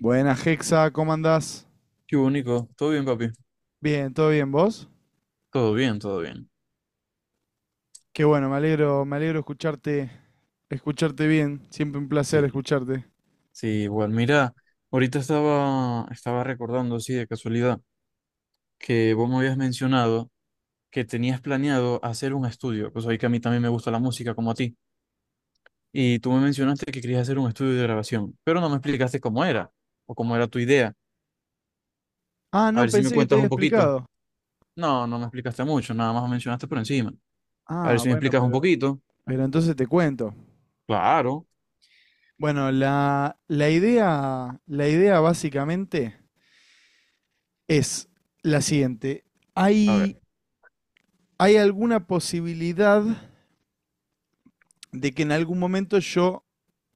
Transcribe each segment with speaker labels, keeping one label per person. Speaker 1: Buenas, Hexa, ¿cómo andás?
Speaker 2: Qué único. Todo bien, papi.
Speaker 1: Bien, ¿todo bien vos?
Speaker 2: Todo bien, todo bien.
Speaker 1: Qué bueno, me alegro escucharte, escucharte bien. Siempre un placer
Speaker 2: Sí,
Speaker 1: escucharte.
Speaker 2: sí, igual. Mira, ahorita estaba recordando, sí, de casualidad, que vos me habías mencionado que tenías planeado hacer un estudio. Pues ahí que a mí también me gusta la música como a ti. Y tú me mencionaste que querías hacer un estudio de grabación, pero no me explicaste cómo era o cómo era tu idea.
Speaker 1: Ah,
Speaker 2: A
Speaker 1: no,
Speaker 2: ver si me
Speaker 1: pensé que te
Speaker 2: cuentas
Speaker 1: había
Speaker 2: un poquito.
Speaker 1: explicado.
Speaker 2: No, no me explicaste mucho, nada más me mencionaste por encima. A ver
Speaker 1: Ah,
Speaker 2: si me
Speaker 1: bueno,
Speaker 2: explicas un poquito.
Speaker 1: pero entonces te cuento.
Speaker 2: Claro.
Speaker 1: Bueno, la idea, la idea básicamente es la siguiente.
Speaker 2: A ver.
Speaker 1: ¿Hay, hay alguna posibilidad de que en algún momento yo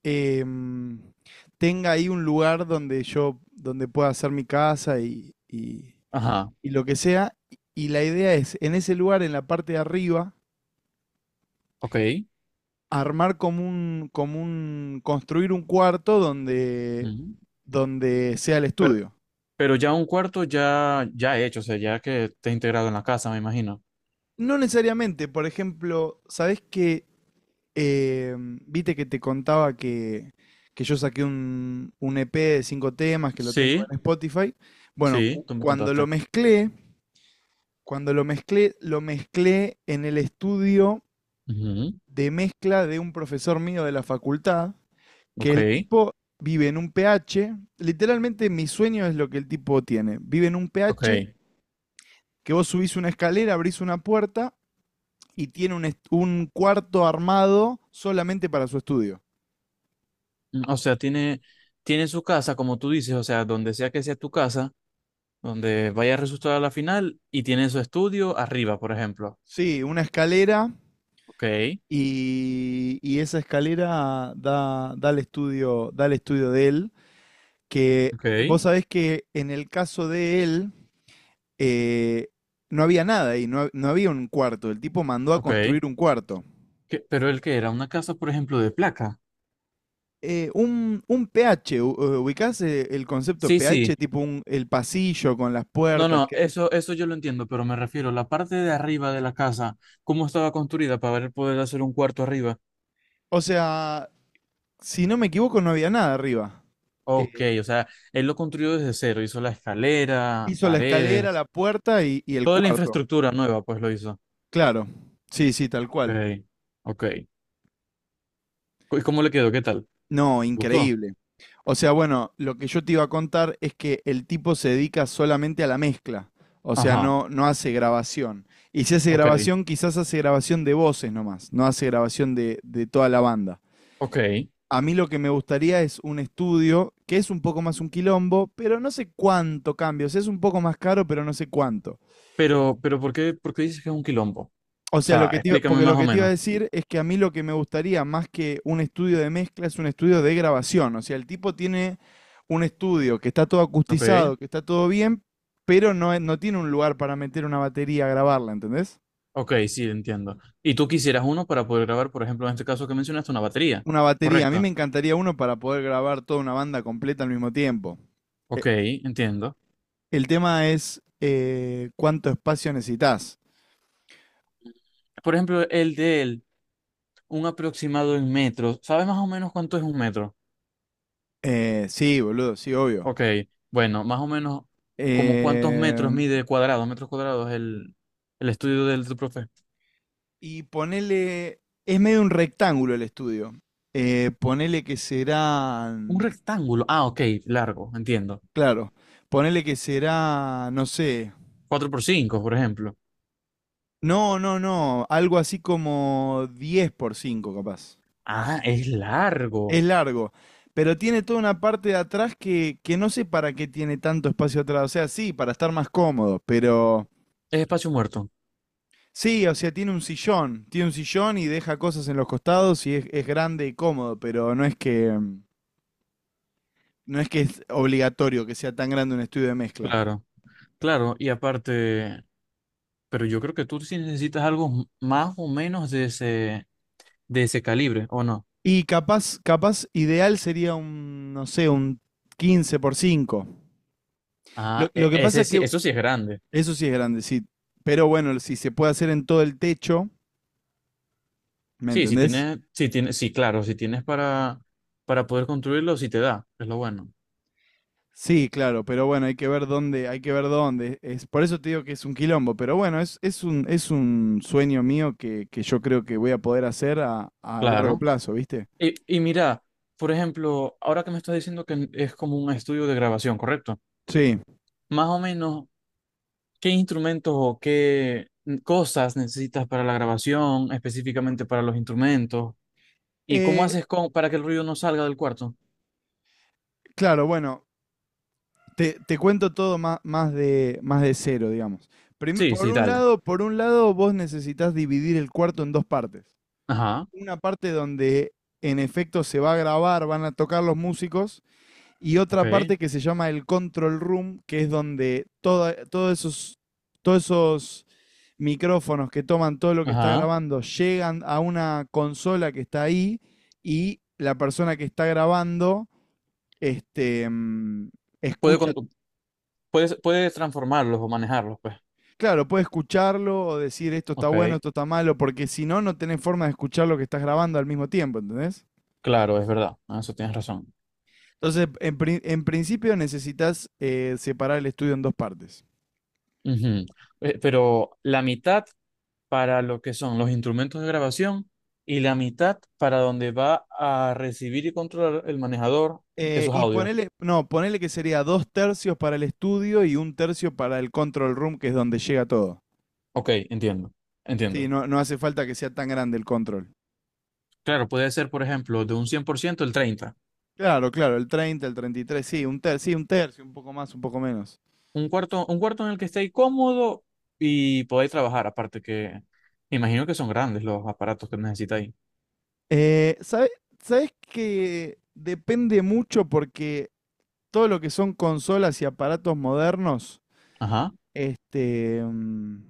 Speaker 1: em, tenga ahí un lugar donde yo, donde pueda hacer mi casa
Speaker 2: Ajá.
Speaker 1: y lo que sea. Y la idea es, en ese lugar, en la parte de arriba,
Speaker 2: Ok.
Speaker 1: armar construir un cuarto donde,
Speaker 2: Ujú.
Speaker 1: donde sea el
Speaker 2: Pero
Speaker 1: estudio.
Speaker 2: Pero ya un cuarto ya, ya hecho, o sea, ya que te has integrado en la casa, me imagino.
Speaker 1: No necesariamente, por ejemplo, ¿sabés que, viste que te contaba que yo saqué un EP de cinco temas que lo tengo
Speaker 2: Sí,
Speaker 1: en Spotify? Bueno,
Speaker 2: sí, tú me contaste.
Speaker 1: cuando lo mezclé en el estudio
Speaker 2: Ujú.
Speaker 1: de mezcla de un profesor mío de la facultad que
Speaker 2: Ok,
Speaker 1: el tipo vive en un pH, literalmente mi sueño es lo que el tipo tiene, vive en un pH
Speaker 2: ok.
Speaker 1: que vos subís una escalera, abrís una puerta y tiene un, un cuarto armado solamente para su estudio.
Speaker 2: Mm, o sea, tiene, tiene su casa, como tú dices, o sea, donde sea que sea tu casa, donde vaya a resultar a la final, y tiene su estudio arriba, por ejemplo.
Speaker 1: Sí, una escalera
Speaker 2: Ok,
Speaker 1: y esa escalera da, da el estudio de él, que
Speaker 2: ok,
Speaker 1: vos sabés que en el caso de él eh, no había nada ahí, no, no había un cuarto, el tipo mandó a
Speaker 2: ok.
Speaker 1: construir un cuarto.
Speaker 2: ¿Qué- pero el que era una casa, por ejemplo, de placa?
Speaker 1: Un pH, ¿ubicás el concepto
Speaker 2: Sí,
Speaker 1: pH?
Speaker 2: sí.
Speaker 1: Tipo un, el pasillo con las
Speaker 2: No,
Speaker 1: puertas.
Speaker 2: no,
Speaker 1: Que...
Speaker 2: eso yo lo entiendo, pero me refiero a la parte de arriba de la casa, cómo estaba construida para poder hacer un cuarto arriba.
Speaker 1: O sea, si no me equivoco, no había nada arriba.
Speaker 2: Ok,
Speaker 1: Eh,
Speaker 2: o sea, él lo construyó desde cero, hizo la escalera,
Speaker 1: hizo la escalera,
Speaker 2: paredes,
Speaker 1: la puerta y el
Speaker 2: toda la
Speaker 1: cuarto.
Speaker 2: infraestructura nueva, pues lo hizo.
Speaker 1: Claro. Sí, sí, tal
Speaker 2: Ok,
Speaker 1: cual.
Speaker 2: ok. ¿Y cómo le quedó? ¿Qué tal?
Speaker 1: No,
Speaker 2: ¿Gustó?
Speaker 1: increíble. O sea, bueno, lo que yo te iba a contar es que el tipo se dedica solamente a la mezcla. O sea,
Speaker 2: Ajá,
Speaker 1: no, no hace grabación. Y si hace
Speaker 2: ok,
Speaker 1: grabación, quizás hace grabación de voces nomás, no hace grabación de toda la banda.
Speaker 2: ok.
Speaker 1: A mí lo que me gustaría es un estudio que es un poco más un quilombo, pero no sé cuánto cambio. O sea, es un poco más caro, pero no sé cuánto.
Speaker 2: Pero, pero ¿por qué dices que es un quilombo? O
Speaker 1: O sea, lo
Speaker 2: sea,
Speaker 1: que te iba-
Speaker 2: explícame
Speaker 1: porque lo
Speaker 2: más o
Speaker 1: que te iba a
Speaker 2: menos.
Speaker 1: decir es que a mí lo que me gustaría más que un estudio de mezcla es un estudio de grabación. O sea, el tipo tiene un estudio que está todo
Speaker 2: Ok,
Speaker 1: acustizado, que está todo bien, pero no, no tiene un lugar para meter una batería a grabarla, ¿entendés?
Speaker 2: ok, sí, entiendo. Y tú quisieras uno para poder grabar, por ejemplo, en este caso que mencionaste, una batería,
Speaker 1: Una batería. A mí
Speaker 2: ¿correcto?
Speaker 1: me encantaría uno para poder grabar toda una banda completa al mismo tiempo.
Speaker 2: Ok, entiendo.
Speaker 1: El tema es cuánto espacio necesitas.
Speaker 2: Por ejemplo, el de él, un aproximado en metros. ¿Sabes más o menos cuánto es un metro?
Speaker 1: Sí, boludo, sí, obvio.
Speaker 2: Ok, bueno, más o menos, ¿como cuántos
Speaker 1: Eh,
Speaker 2: metros mide cuadrados, metros cuadrados el estudio del tu profe?
Speaker 1: y ponele, es medio un rectángulo el estudio. Ponele que
Speaker 2: Un
Speaker 1: serán,
Speaker 2: rectángulo. Ah, ok, largo, entiendo.
Speaker 1: claro, ponele que será, no sé,
Speaker 2: 4 por 5, por ejemplo.
Speaker 1: no, no, no, algo así como 10 por 5, capaz.
Speaker 2: Ah, es largo.
Speaker 1: Es largo, pero tiene toda una parte de atrás que no sé para qué tiene tanto espacio atrás. O sea, sí, para estar más cómodo, pero...
Speaker 2: Es espacio muerto.
Speaker 1: Sí, o sea, tiene un sillón y deja cosas en los costados y es grande y cómodo, pero no es que no es que es obligatorio que sea tan grande un estudio de mezcla.
Speaker 2: Claro, claro. Y aparte, pero yo creo que tú sí necesitas algo m- más o menos de ese calibre, ¿o no?
Speaker 1: Y capaz, capaz ideal sería un, no sé, un 15 por 5. Lo,
Speaker 2: Ah,
Speaker 1: lo
Speaker 2: e-
Speaker 1: que pasa
Speaker 2: ese
Speaker 1: es
Speaker 2: sí,
Speaker 1: que
Speaker 2: eso sí es grande.
Speaker 1: eso sí es grande, sí, pero bueno, si se puede hacer en todo el techo, ¿me
Speaker 2: Sí, si
Speaker 1: entendés?
Speaker 2: tienes, si tienes, sí, claro, si tienes para poder construirlo, sí te da. Es lo bueno.
Speaker 1: Sí, claro, pero bueno, hay que ver dónde, hay que ver dónde. Es, por eso te digo que es un quilombo, pero bueno, es un sueño mío que yo creo que voy a poder hacer a largo
Speaker 2: Claro.
Speaker 1: plazo, ¿viste?
Speaker 2: Y mira, por ejemplo, ahora que me estás diciendo que es como un estudio de grabación, ¿correcto?
Speaker 1: Sí.
Speaker 2: Más o menos, ¿qué instrumentos o qué cosas necesitas para la grabación, específicamente para los instrumentos? ¿Y cómo
Speaker 1: Eh,
Speaker 2: haces con, para que el ruido no salga del cuarto?
Speaker 1: claro, bueno, te cuento todo más, más de cero, digamos.
Speaker 2: Sí, sí, dale.
Speaker 1: Por un lado, vos necesitas dividir el cuarto en dos partes.
Speaker 2: Ajá,
Speaker 1: Una parte donde en efecto se va a grabar, van a tocar los músicos, y
Speaker 2: ok,
Speaker 1: otra parte que se llama el control room, que es donde todos esos micrófonos que toman todo lo que está
Speaker 2: ajá.
Speaker 1: grabando llegan a una consola que está ahí y la persona que está grabando este, mm,
Speaker 2: Puede
Speaker 1: escucha.
Speaker 2: con- puedes transformarlos o manejarlos, pues.
Speaker 1: Claro, puede escucharlo o decir esto está
Speaker 2: Ok,
Speaker 1: bueno, esto está malo, porque si no, no tenés forma de escuchar lo que estás grabando al mismo tiempo, ¿entendés?
Speaker 2: claro, es verdad, eso tienes razón.
Speaker 1: Entonces, en principio necesitas separar el estudio en dos partes.
Speaker 2: Ujú. Pero la mitad para lo que son los instrumentos de grabación y la mitad para donde va a recibir y controlar el manejador esos
Speaker 1: Y
Speaker 2: audios.
Speaker 1: ponele, no, ponele que sería dos tercios para el estudio y un tercio para el control room, que es donde llega todo.
Speaker 2: Ok, entiendo,
Speaker 1: Sí,
Speaker 2: entiendo.
Speaker 1: no, no hace falta que sea tan grande el control.
Speaker 2: Claro, puede ser, por ejemplo, de un 100% el 30.
Speaker 1: Claro, claro, el 33 sí, un tercio, un poco más, un poco menos.
Speaker 2: Un cuarto en el que estéis cómodo y podáis trabajar, aparte que me imagino que son grandes los aparatos que necesitáis.
Speaker 1: Eh, sabes ¿sabés que depende mucho porque todo lo que son consolas y aparatos modernos,
Speaker 2: Ajá.
Speaker 1: este, mm,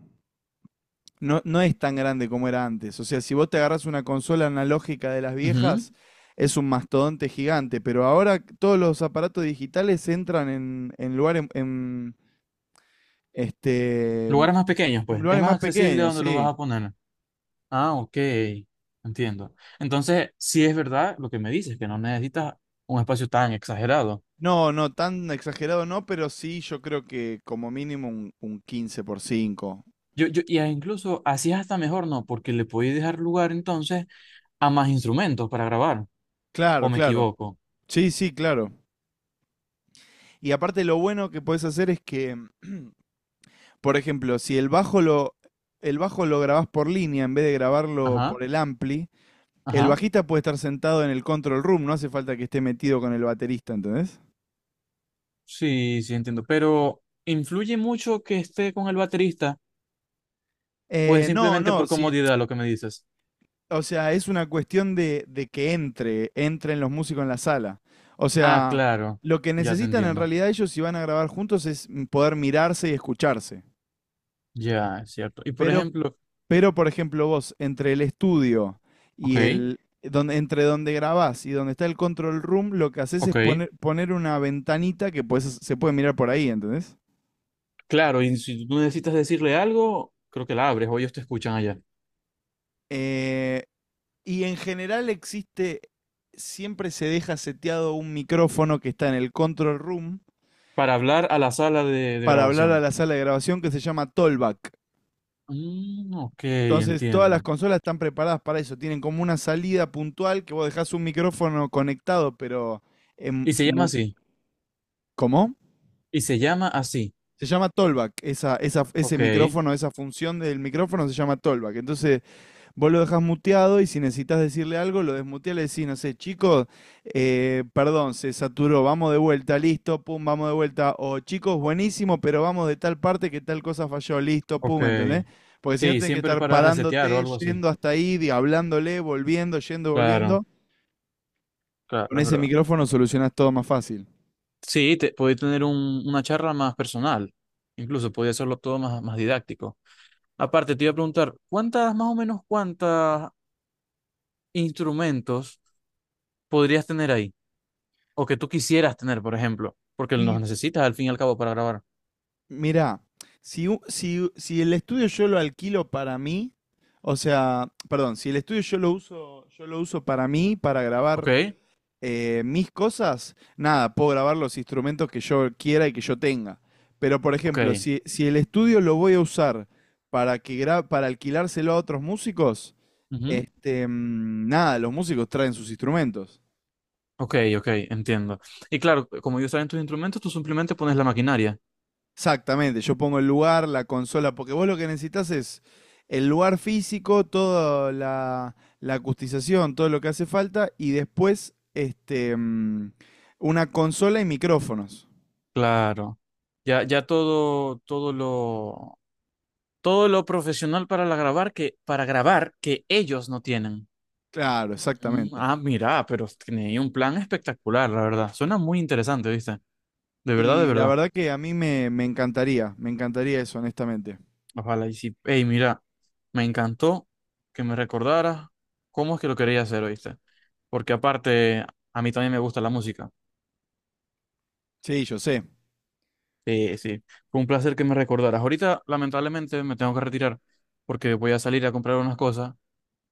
Speaker 1: no, no es tan grande como era antes. O sea, si vos te agarras una consola analógica de las
Speaker 2: Ujú.
Speaker 1: viejas, es un mastodonte gigante, pero ahora todos los aparatos digitales entran en lugares en, este
Speaker 2: Lugares más pequeños, pues. Es
Speaker 1: lugares
Speaker 2: más
Speaker 1: más
Speaker 2: accesible
Speaker 1: pequeños,
Speaker 2: donde lo
Speaker 1: sí.
Speaker 2: vas a poner. Ah, ok, entiendo. Entonces, sí es verdad lo que me dices, que no necesitas un espacio tan exagerado.
Speaker 1: No, no, tan exagerado no, pero sí yo creo que como mínimo un 15 por cinco.
Speaker 2: Yo, y a- incluso así es hasta mejor, ¿no? Porque le podéis dejar lugar entonces a más instrumentos para grabar,
Speaker 1: Claro,
Speaker 2: ¿o me
Speaker 1: claro.
Speaker 2: equivoco?
Speaker 1: Sí, sí, claro. Y aparte lo bueno que podés hacer es que, por ejemplo, si el bajo lo el bajo lo grabás por línea en vez de grabarlo
Speaker 2: Ajá,
Speaker 1: por el ampli. El
Speaker 2: ajá,
Speaker 1: bajista puede estar sentado en el control room, no hace falta que esté metido con el baterista, ¿entendés?
Speaker 2: sí, sí entiendo. Pero, ¿influye mucho que esté con el baterista o es
Speaker 1: No,
Speaker 2: simplemente
Speaker 1: no,
Speaker 2: por
Speaker 1: si,
Speaker 2: comodidad lo que me dices?
Speaker 1: o sea, es una cuestión de que entren los músicos en la sala. O
Speaker 2: Ah,
Speaker 1: sea,
Speaker 2: claro,
Speaker 1: lo que
Speaker 2: ya te
Speaker 1: necesitan en
Speaker 2: entiendo.
Speaker 1: realidad ellos si van a grabar juntos es poder mirarse y escucharse.
Speaker 2: Ya, es cierto. Y por
Speaker 1: Pero,
Speaker 2: ejemplo,
Speaker 1: pero por ejemplo, vos, entre el estudio
Speaker 2: ok,
Speaker 1: y el, donde, entre donde grabás y donde está el control room, lo que haces es
Speaker 2: ok.
Speaker 1: poner, poner una ventanita que se puede mirar por ahí, ¿entendés?
Speaker 2: Claro, y si tú necesitas decirle algo, creo que la abres o ellos te escuchan allá.
Speaker 1: Eh, Y en general existe, siempre se deja seteado un micrófono que está en el control room
Speaker 2: Para hablar a la sala de
Speaker 1: para hablar a
Speaker 2: grabación.
Speaker 1: la sala de grabación que se llama Tollback.
Speaker 2: Mm, ok,
Speaker 1: Entonces, todas las
Speaker 2: entiendo.
Speaker 1: consolas están preparadas para eso. Tienen como una salida puntual que vos dejás un micrófono conectado, pero en
Speaker 2: Y se llama
Speaker 1: mu-
Speaker 2: así.
Speaker 1: ¿cómo?
Speaker 2: Y se llama así.
Speaker 1: Se llama Tollback. Esa, ese
Speaker 2: Ok,
Speaker 1: micrófono, esa función del micrófono se llama Tollback. Entonces, vos lo dejás muteado y si necesitas decirle algo, lo desmuteas, le decís, no sé, chicos, perdón, se saturó, vamos de vuelta, listo, pum, vamos de vuelta. O chicos,
Speaker 2: o-
Speaker 1: buenísimo, pero vamos de tal parte que tal cosa falló, listo,
Speaker 2: ok.
Speaker 1: pum, ¿entendés? Porque si no
Speaker 2: Sí,
Speaker 1: tenés que
Speaker 2: siempre
Speaker 1: estar
Speaker 2: para resetear o
Speaker 1: parándote,
Speaker 2: algo así.
Speaker 1: yendo hasta ahí, hablándole, volviendo, yendo,
Speaker 2: Claro,
Speaker 1: volviendo.
Speaker 2: claro,
Speaker 1: Con
Speaker 2: es
Speaker 1: ese
Speaker 2: verdad.
Speaker 1: micrófono solucionás todo más fácil.
Speaker 2: Sí, te, podéis tener un- una charla más personal. Incluso podía hacerlo todo más, más didáctico. Aparte, te iba a preguntar, ¿cuántas, más o menos, cuántas instrumentos podrías tener ahí? O que tú quisieras tener, por ejemplo, porque
Speaker 1: Y
Speaker 2: los necesitas al fin y al cabo para grabar.
Speaker 1: mirá, si el estudio yo lo alquilo para mí, o sea, perdón, si el estudio yo lo uso para mí, para
Speaker 2: Ok,
Speaker 1: grabar mis cosas, nada, puedo grabar los instrumentos que yo quiera y que yo tenga. Pero, por
Speaker 2: ok,
Speaker 1: ejemplo, si, si el estudio lo voy a usar para, para alquilárselo a otros músicos,
Speaker 2: ujú.
Speaker 1: nada, los músicos traen sus instrumentos.
Speaker 2: Ok, ok, entiendo. Y claro, como ellos saben tus instrumentos, tú simplemente pones la maquinaria.
Speaker 1: Exactamente, yo pongo el lugar, la consola, porque vos lo que necesitas es el lugar físico, toda la, la acustización, todo lo que hace falta, y después una consola y micrófonos.
Speaker 2: Claro. Ya, ya todo, todo lo profesional para la grabar que, para grabar que ellos no tienen.
Speaker 1: Claro,
Speaker 2: Mm,
Speaker 1: exactamente.
Speaker 2: ah, mira, pero tiene un plan espectacular, la verdad. Suena muy interesante, ¿viste? De verdad, de
Speaker 1: Y la
Speaker 2: verdad.
Speaker 1: verdad que a mí me, me encantaría eso, honestamente.
Speaker 2: Ojalá y sí. Ey, mira, me encantó que me recordaras cómo es que lo quería hacer, ¿oíste? Porque aparte, a mí también me gusta la música.
Speaker 1: Sí, yo sé.
Speaker 2: Sí, sí. Fue un placer que me recordaras. Ahorita, lamentablemente, me tengo que retirar porque voy a salir a comprar unas cosas.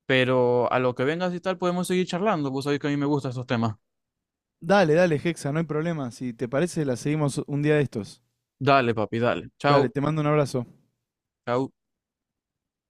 Speaker 2: Pero a lo que vengas y tal, podemos seguir charlando. Vos sabés que a mí me gustan esos temas.
Speaker 1: Dale, dale, Hexa, no hay problema. Si te parece, la seguimos un día de estos.
Speaker 2: Dale, papi, dale.
Speaker 1: Dale,
Speaker 2: Chao,
Speaker 1: te mando un abrazo.
Speaker 2: chao.